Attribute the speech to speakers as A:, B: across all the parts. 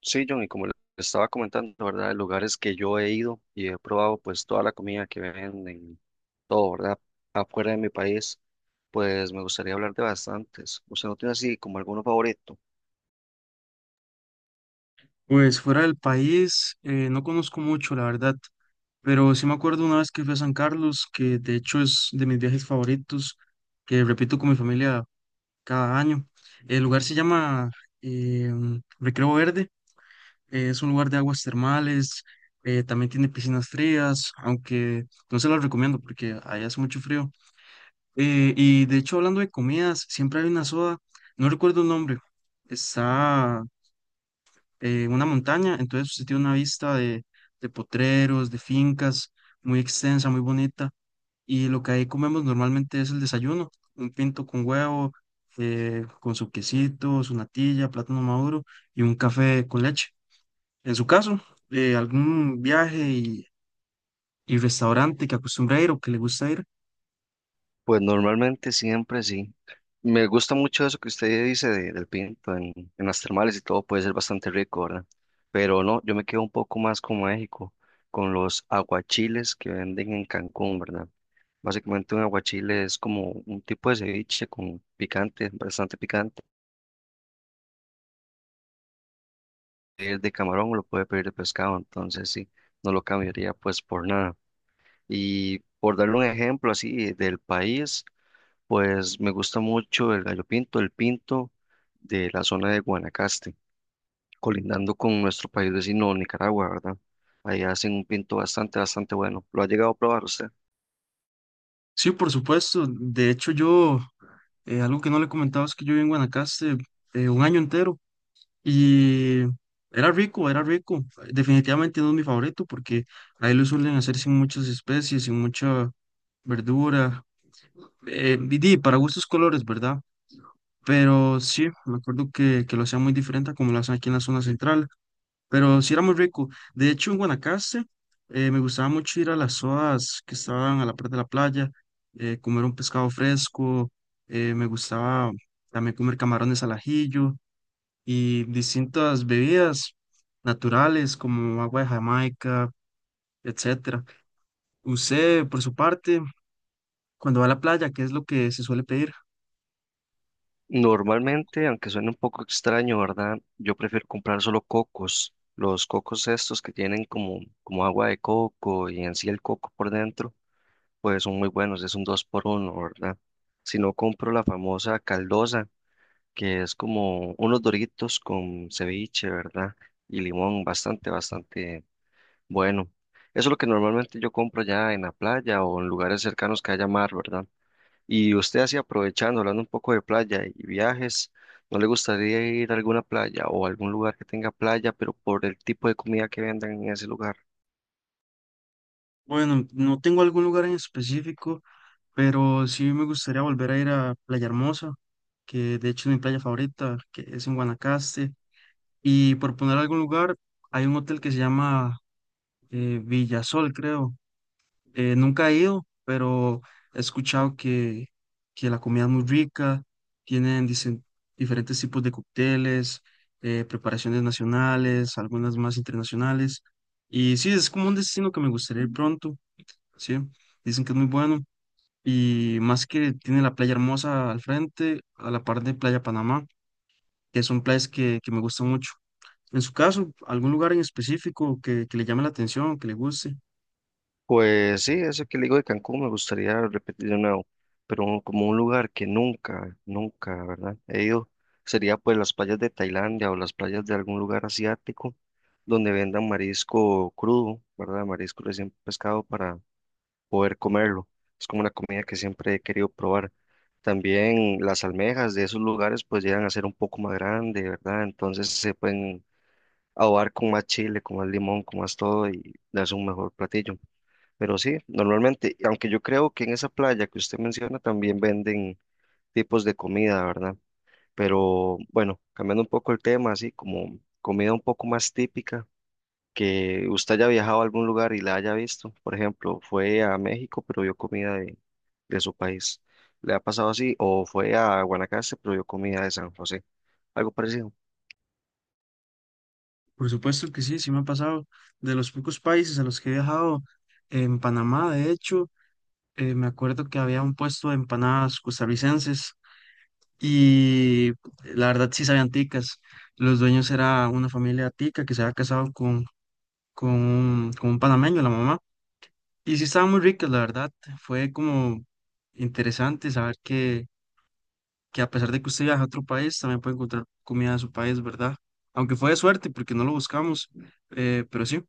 A: Sí, John, y como le estaba comentando, ¿verdad? De lugares que yo he ido y he probado, pues toda la comida que venden, todo, ¿verdad? Afuera de mi país, pues me gustaría hablar de bastantes. ¿Usted no tiene así como alguno favorito?
B: Pues fuera del país, no conozco mucho, la verdad, pero sí me acuerdo una vez que fui a San Carlos, que de hecho es de mis viajes favoritos, que repito con mi familia cada año. El lugar se llama eh, Recreo Verde. Es un lugar de aguas termales. También tiene piscinas frías, aunque no se las recomiendo porque allá hace mucho frío. Y de hecho, hablando de comidas, siempre hay una soda, no recuerdo el nombre, está una montaña, entonces usted tiene una vista de potreros, de fincas, muy extensa, muy bonita, y lo que ahí comemos normalmente es el desayuno, un pinto con huevo, con su quesito, su natilla, plátano maduro y un café con leche. En su caso, algún viaje y restaurante que acostumbra ir o que le gusta ir.
A: Pues normalmente siempre sí. Me gusta mucho eso que usted dice del pinto en las termales y todo, puede ser bastante rico, ¿verdad? Pero no, yo me quedo un poco más con México, con los aguachiles que venden en Cancún, ¿verdad? Básicamente un aguachile es como un tipo de ceviche con picante, bastante picante. Es de camarón o lo puede pedir de pescado, entonces sí, no lo cambiaría pues por nada. Y por darle un ejemplo así del país, pues me gusta mucho el gallo pinto, el pinto de la zona de Guanacaste, colindando con nuestro país vecino Nicaragua, ¿verdad? Ahí hacen un pinto bastante, bastante bueno. ¿Lo ha llegado a probar usted?
B: Sí, por supuesto. De hecho, yo, algo que no le comentaba es que yo viví en Guanacaste un año entero y era rico, era rico. Definitivamente no es mi favorito porque ahí lo suelen hacer sin muchas especies, sin mucha verdura. Y di, para gustos colores, ¿verdad? Pero sí, me acuerdo que lo hacían muy diferente a como lo hacen aquí en la zona central, pero sí era muy rico. De hecho, en Guanacaste me gustaba mucho ir a las zonas que estaban a la parte de la playa, comer un pescado fresco. Me gustaba también comer camarones al ajillo y distintas bebidas naturales como agua de Jamaica, etcétera. Usted, por su parte, cuando va a la playa, ¿qué es lo que se suele pedir?
A: Normalmente, aunque suene un poco extraño, ¿verdad? Yo prefiero comprar solo cocos, los cocos estos que tienen como, como agua de coco y en sí el coco por dentro, pues son muy buenos, es un dos por uno, ¿verdad? Si no compro la famosa caldosa, que es como unos doritos con ceviche, ¿verdad? Y limón, bastante, bastante bueno. Eso es lo que normalmente yo compro ya en la playa o en lugares cercanos que haya mar, ¿verdad? Y usted así aprovechando, hablando un poco de playa y viajes, ¿no le gustaría ir a alguna playa o algún lugar que tenga playa, pero por el tipo de comida que vendan en ese lugar?
B: Bueno, no tengo algún lugar en específico, pero sí me gustaría volver a ir a Playa Hermosa, que de hecho es mi playa favorita, que es en Guanacaste. Y por poner algún lugar, hay un hotel que se llama Villasol, creo. Nunca he ido, pero he escuchado que la comida es muy rica, tienen dicen, diferentes tipos de cócteles, preparaciones nacionales, algunas más internacionales. Y sí, es como un destino que me gustaría ir pronto. Sí, dicen que es muy bueno y más que tiene la playa hermosa al frente, a la par de Playa Panamá, que son playas que me gustan mucho. En su caso, ¿algún lugar en específico que le llame la atención, que le guste?
A: Pues sí, eso que le digo de Cancún me gustaría repetir de nuevo, pero como un lugar que nunca, nunca, ¿verdad? He ido, sería pues las playas de Tailandia o las playas de algún lugar asiático donde vendan marisco crudo, ¿verdad? Marisco recién pescado poder comerlo. Es como una comida que siempre he querido probar. También las almejas de esos lugares pues llegan a ser un poco más grandes, ¿verdad? Entonces se pueden ahogar con más chile, con más limón, con más todo y darse un mejor platillo. Pero sí, normalmente, aunque yo creo que en esa playa que usted menciona también venden tipos de comida, ¿verdad? Pero bueno, cambiando un poco el tema, así como comida un poco más típica que usted haya viajado a algún lugar y la haya visto. Por ejemplo, fue a México, pero vio comida de su país. ¿Le ha pasado así? O fue a Guanacaste, pero vio comida de San José. Algo parecido.
B: Por supuesto que sí, sí me ha pasado. De los pocos países a los que he viajado, en Panamá, de hecho, me acuerdo que había un puesto de empanadas costarricenses y la verdad sí sabían ticas. Los dueños era una familia tica que se había casado con un panameño, la mamá. Y sí estaban muy ricas, la verdad. Fue como interesante saber que a pesar de que usted viaja a otro país, también puede encontrar comida de su país, ¿verdad? Aunque fue de suerte, porque no lo buscamos, pero sí.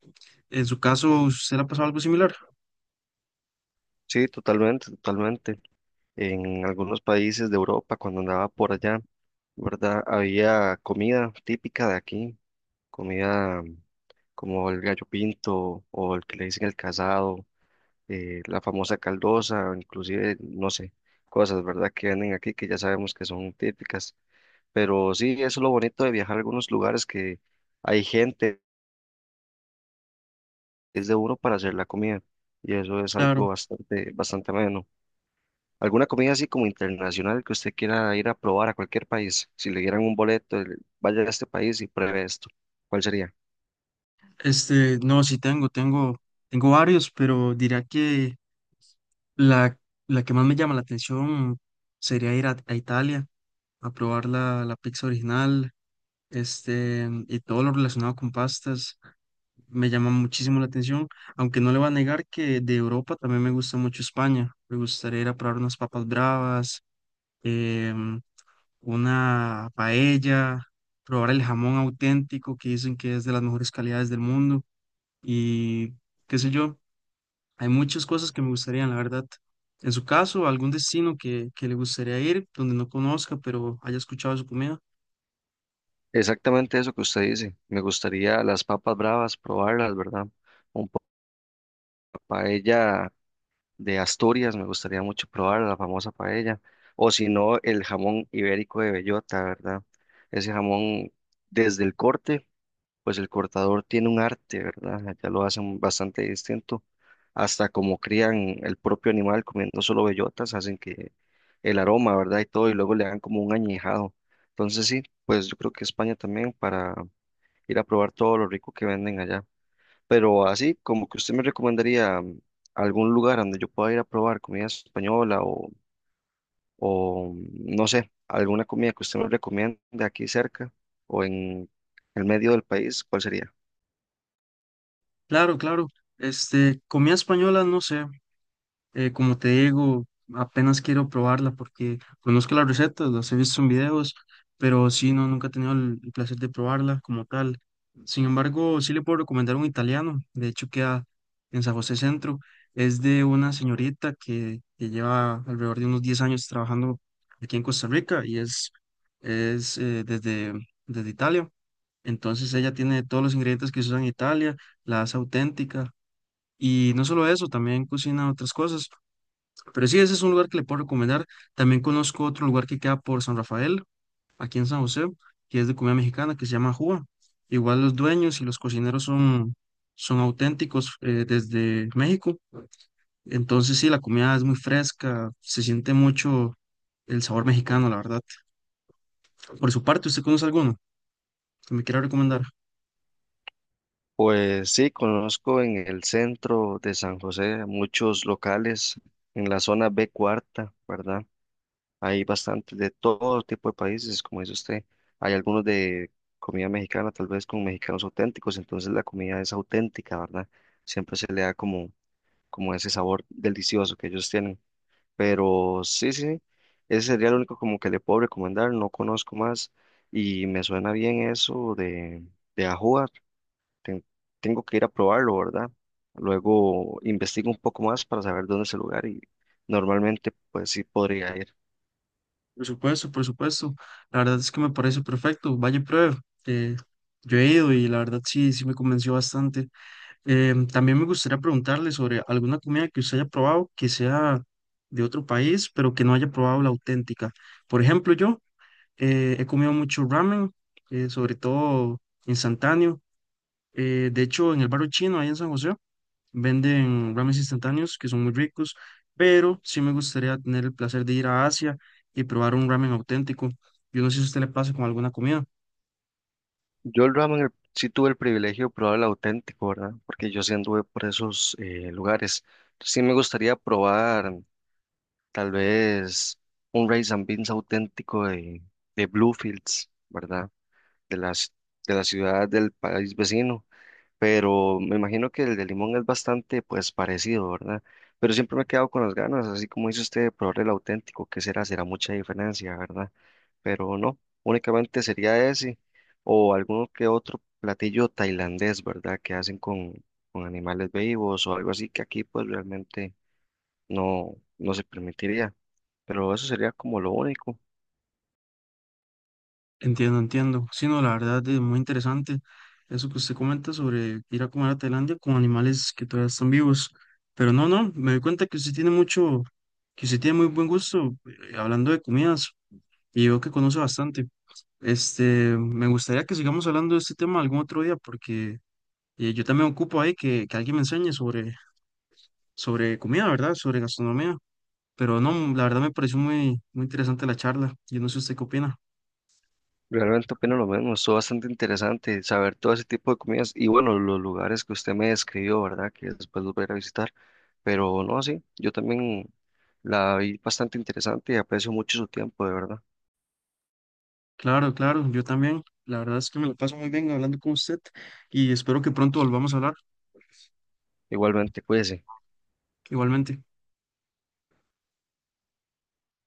B: En su caso, ¿usted le ha pasado algo similar?
A: Sí, totalmente, totalmente. En algunos países de Europa, cuando andaba por allá, ¿verdad? Había comida típica de aquí, comida, como el gallo pinto o el que le dicen el casado, la famosa caldosa, inclusive, no sé, cosas, ¿verdad? Que venden aquí que ya sabemos que son típicas. Pero sí, eso es lo bonito de viajar a algunos lugares que hay gente, es de uno para hacer la comida. Y eso es algo
B: Claro.
A: bastante, bastante ameno. ¿Alguna comida así como internacional que usted quiera ir a probar a cualquier país? Si le dieran un boleto, vaya a este país y pruebe esto. ¿Cuál sería?
B: Este, no, sí tengo, tengo, tengo varios, pero diría que la, la que más me llama la atención sería ir a Italia a probar la, la pizza original, este, y todo lo relacionado con pastas. Me llama muchísimo la atención, aunque no le voy a negar que de Europa también me gusta mucho España. Me gustaría ir a probar unas papas bravas, em, una paella, probar el jamón auténtico que dicen que es de las mejores calidades del mundo y qué sé yo, hay muchas cosas que me gustarían, la verdad. En su caso, algún destino que le gustaría ir, donde no conozca, pero haya escuchado su comida.
A: Exactamente eso que usted dice. Me gustaría las papas bravas, probarlas, ¿verdad? Un pa- paella de Asturias, me gustaría mucho probar la famosa paella, o si no, el jamón ibérico de bellota, ¿verdad? Ese jamón, desde el corte, pues el cortador tiene un arte, ¿verdad? Allá lo hacen bastante distinto, hasta como crían el propio animal comiendo solo bellotas, hacen que el aroma, ¿verdad? Y todo, y luego le dan como un añejado. Entonces sí, pues yo creo que España también para ir a probar todo lo rico que venden allá. Pero así, como que usted me recomendaría, algún lugar donde yo pueda ir a probar comida española o, o, no sé, alguna comida que usted me recomiende aquí cerca o en el medio del país, ¿cuál sería?
B: Claro, claro. Este, comida española, no sé. Como te digo, apenas quiero probarla porque conozco las recetas, las he visto en videos, pero sí, no, nunca he tenido el placer de probarla como tal. Sin embargo, sí le puedo recomendar un italiano, de hecho queda en San José Centro, es de una señorita que lleva alrededor de unos 10 años trabajando aquí en Costa Rica y es desde, desde Italia. Entonces ella tiene todos los ingredientes que se usan en Italia, la hace auténtica. Y no solo eso, también cocina otras cosas. Pero sí, ese es un lugar que le puedo recomendar. También conozco otro lugar que queda por San Rafael, aquí en San José, que es de comida mexicana, que se llama Juba. Igual los dueños y los cocineros son, son auténticos, desde México. Entonces sí, la comida es muy fresca, se siente mucho el sabor mexicano, la verdad. Por su parte, ¿usted conoce alguno que me quiera recomendar?
A: Pues sí, conozco en el centro de San José muchos locales en la zona B cuarta, ¿verdad? Hay bastante de todo tipo de países, como dice usted. Hay algunos de comida mexicana, tal vez con mexicanos auténticos, entonces la comida es auténtica, ¿verdad? Siempre se le da como, como ese sabor delicioso que ellos tienen. Pero sí, sí, ese sería el único como que le puedo recomendar, no conozco más y me suena bien eso de, ajuar. Ten- Tengo que ir a probarlo, ¿verdad? Luego investigo un poco más para saber dónde es el lugar y normalmente pues sí podría ir.
B: Por supuesto, por supuesto. La verdad es que me parece perfecto. Vaya y pruebe. Eh, yo he ido y la verdad sí, sí me convenció bastante. También me gustaría preguntarle sobre alguna comida que usted haya probado que sea de otro país, pero que no haya probado la auténtica. Por ejemplo, yo he comido mucho ramen, sobre todo instantáneo. De hecho, en el barrio chino, ahí en San José, venden ramen instantáneos que son muy ricos, pero sí me gustaría tener el placer de ir a Asia y probar un ramen auténtico. Yo no sé si a usted le pasa con alguna comida.
A: Yo el ramen sí tuve el privilegio de probar el auténtico, ¿verdad? Porque yo sí anduve por esos lugares. Sí me gustaría probar tal vez un rice and beans auténtico de Bluefields, ¿verdad? De las, de la ciudad del país vecino. Pero me imagino que el de Limón es bastante pues parecido, ¿verdad? Pero siempre me he quedado con las ganas, así como dice usted, de probar el auténtico. ¿Qué será? ¿Será mucha diferencia, ¿verdad? Pero no, únicamente sería ese o alguno que otro platillo tailandés, ¿verdad? Que hacen con animales vivos o algo así que aquí pues realmente no, no se permitiría, pero eso sería como lo único.
B: Entiendo, entiendo. Sí, no, la verdad es muy interesante eso que usted comenta sobre ir a comer a Tailandia con animales que todavía están vivos. Pero no, no, me doy cuenta que usted tiene mucho, que usted tiene muy buen gusto, hablando de comidas y veo que conoce bastante. Este, me gustaría que sigamos hablando de este tema algún otro día porque yo también ocupo ahí que alguien me enseñe sobre, sobre comida, ¿verdad? Sobre gastronomía. Pero no, la verdad me pareció muy, muy interesante la charla. Yo no sé usted qué opina.
A: Realmente opino lo mismo, estuvo bastante interesante saber todo ese tipo de comidas y bueno, los lugares que usted me describió, ¿verdad? Que después los voy a ir a visitar, pero no, sí, yo también la vi bastante interesante y aprecio mucho su tiempo, de verdad.
B: Claro, claro, yo también. La verdad es que me lo paso muy bien hablando con usted y espero que pronto volvamos a hablar
A: Igualmente, cuídese.
B: igualmente.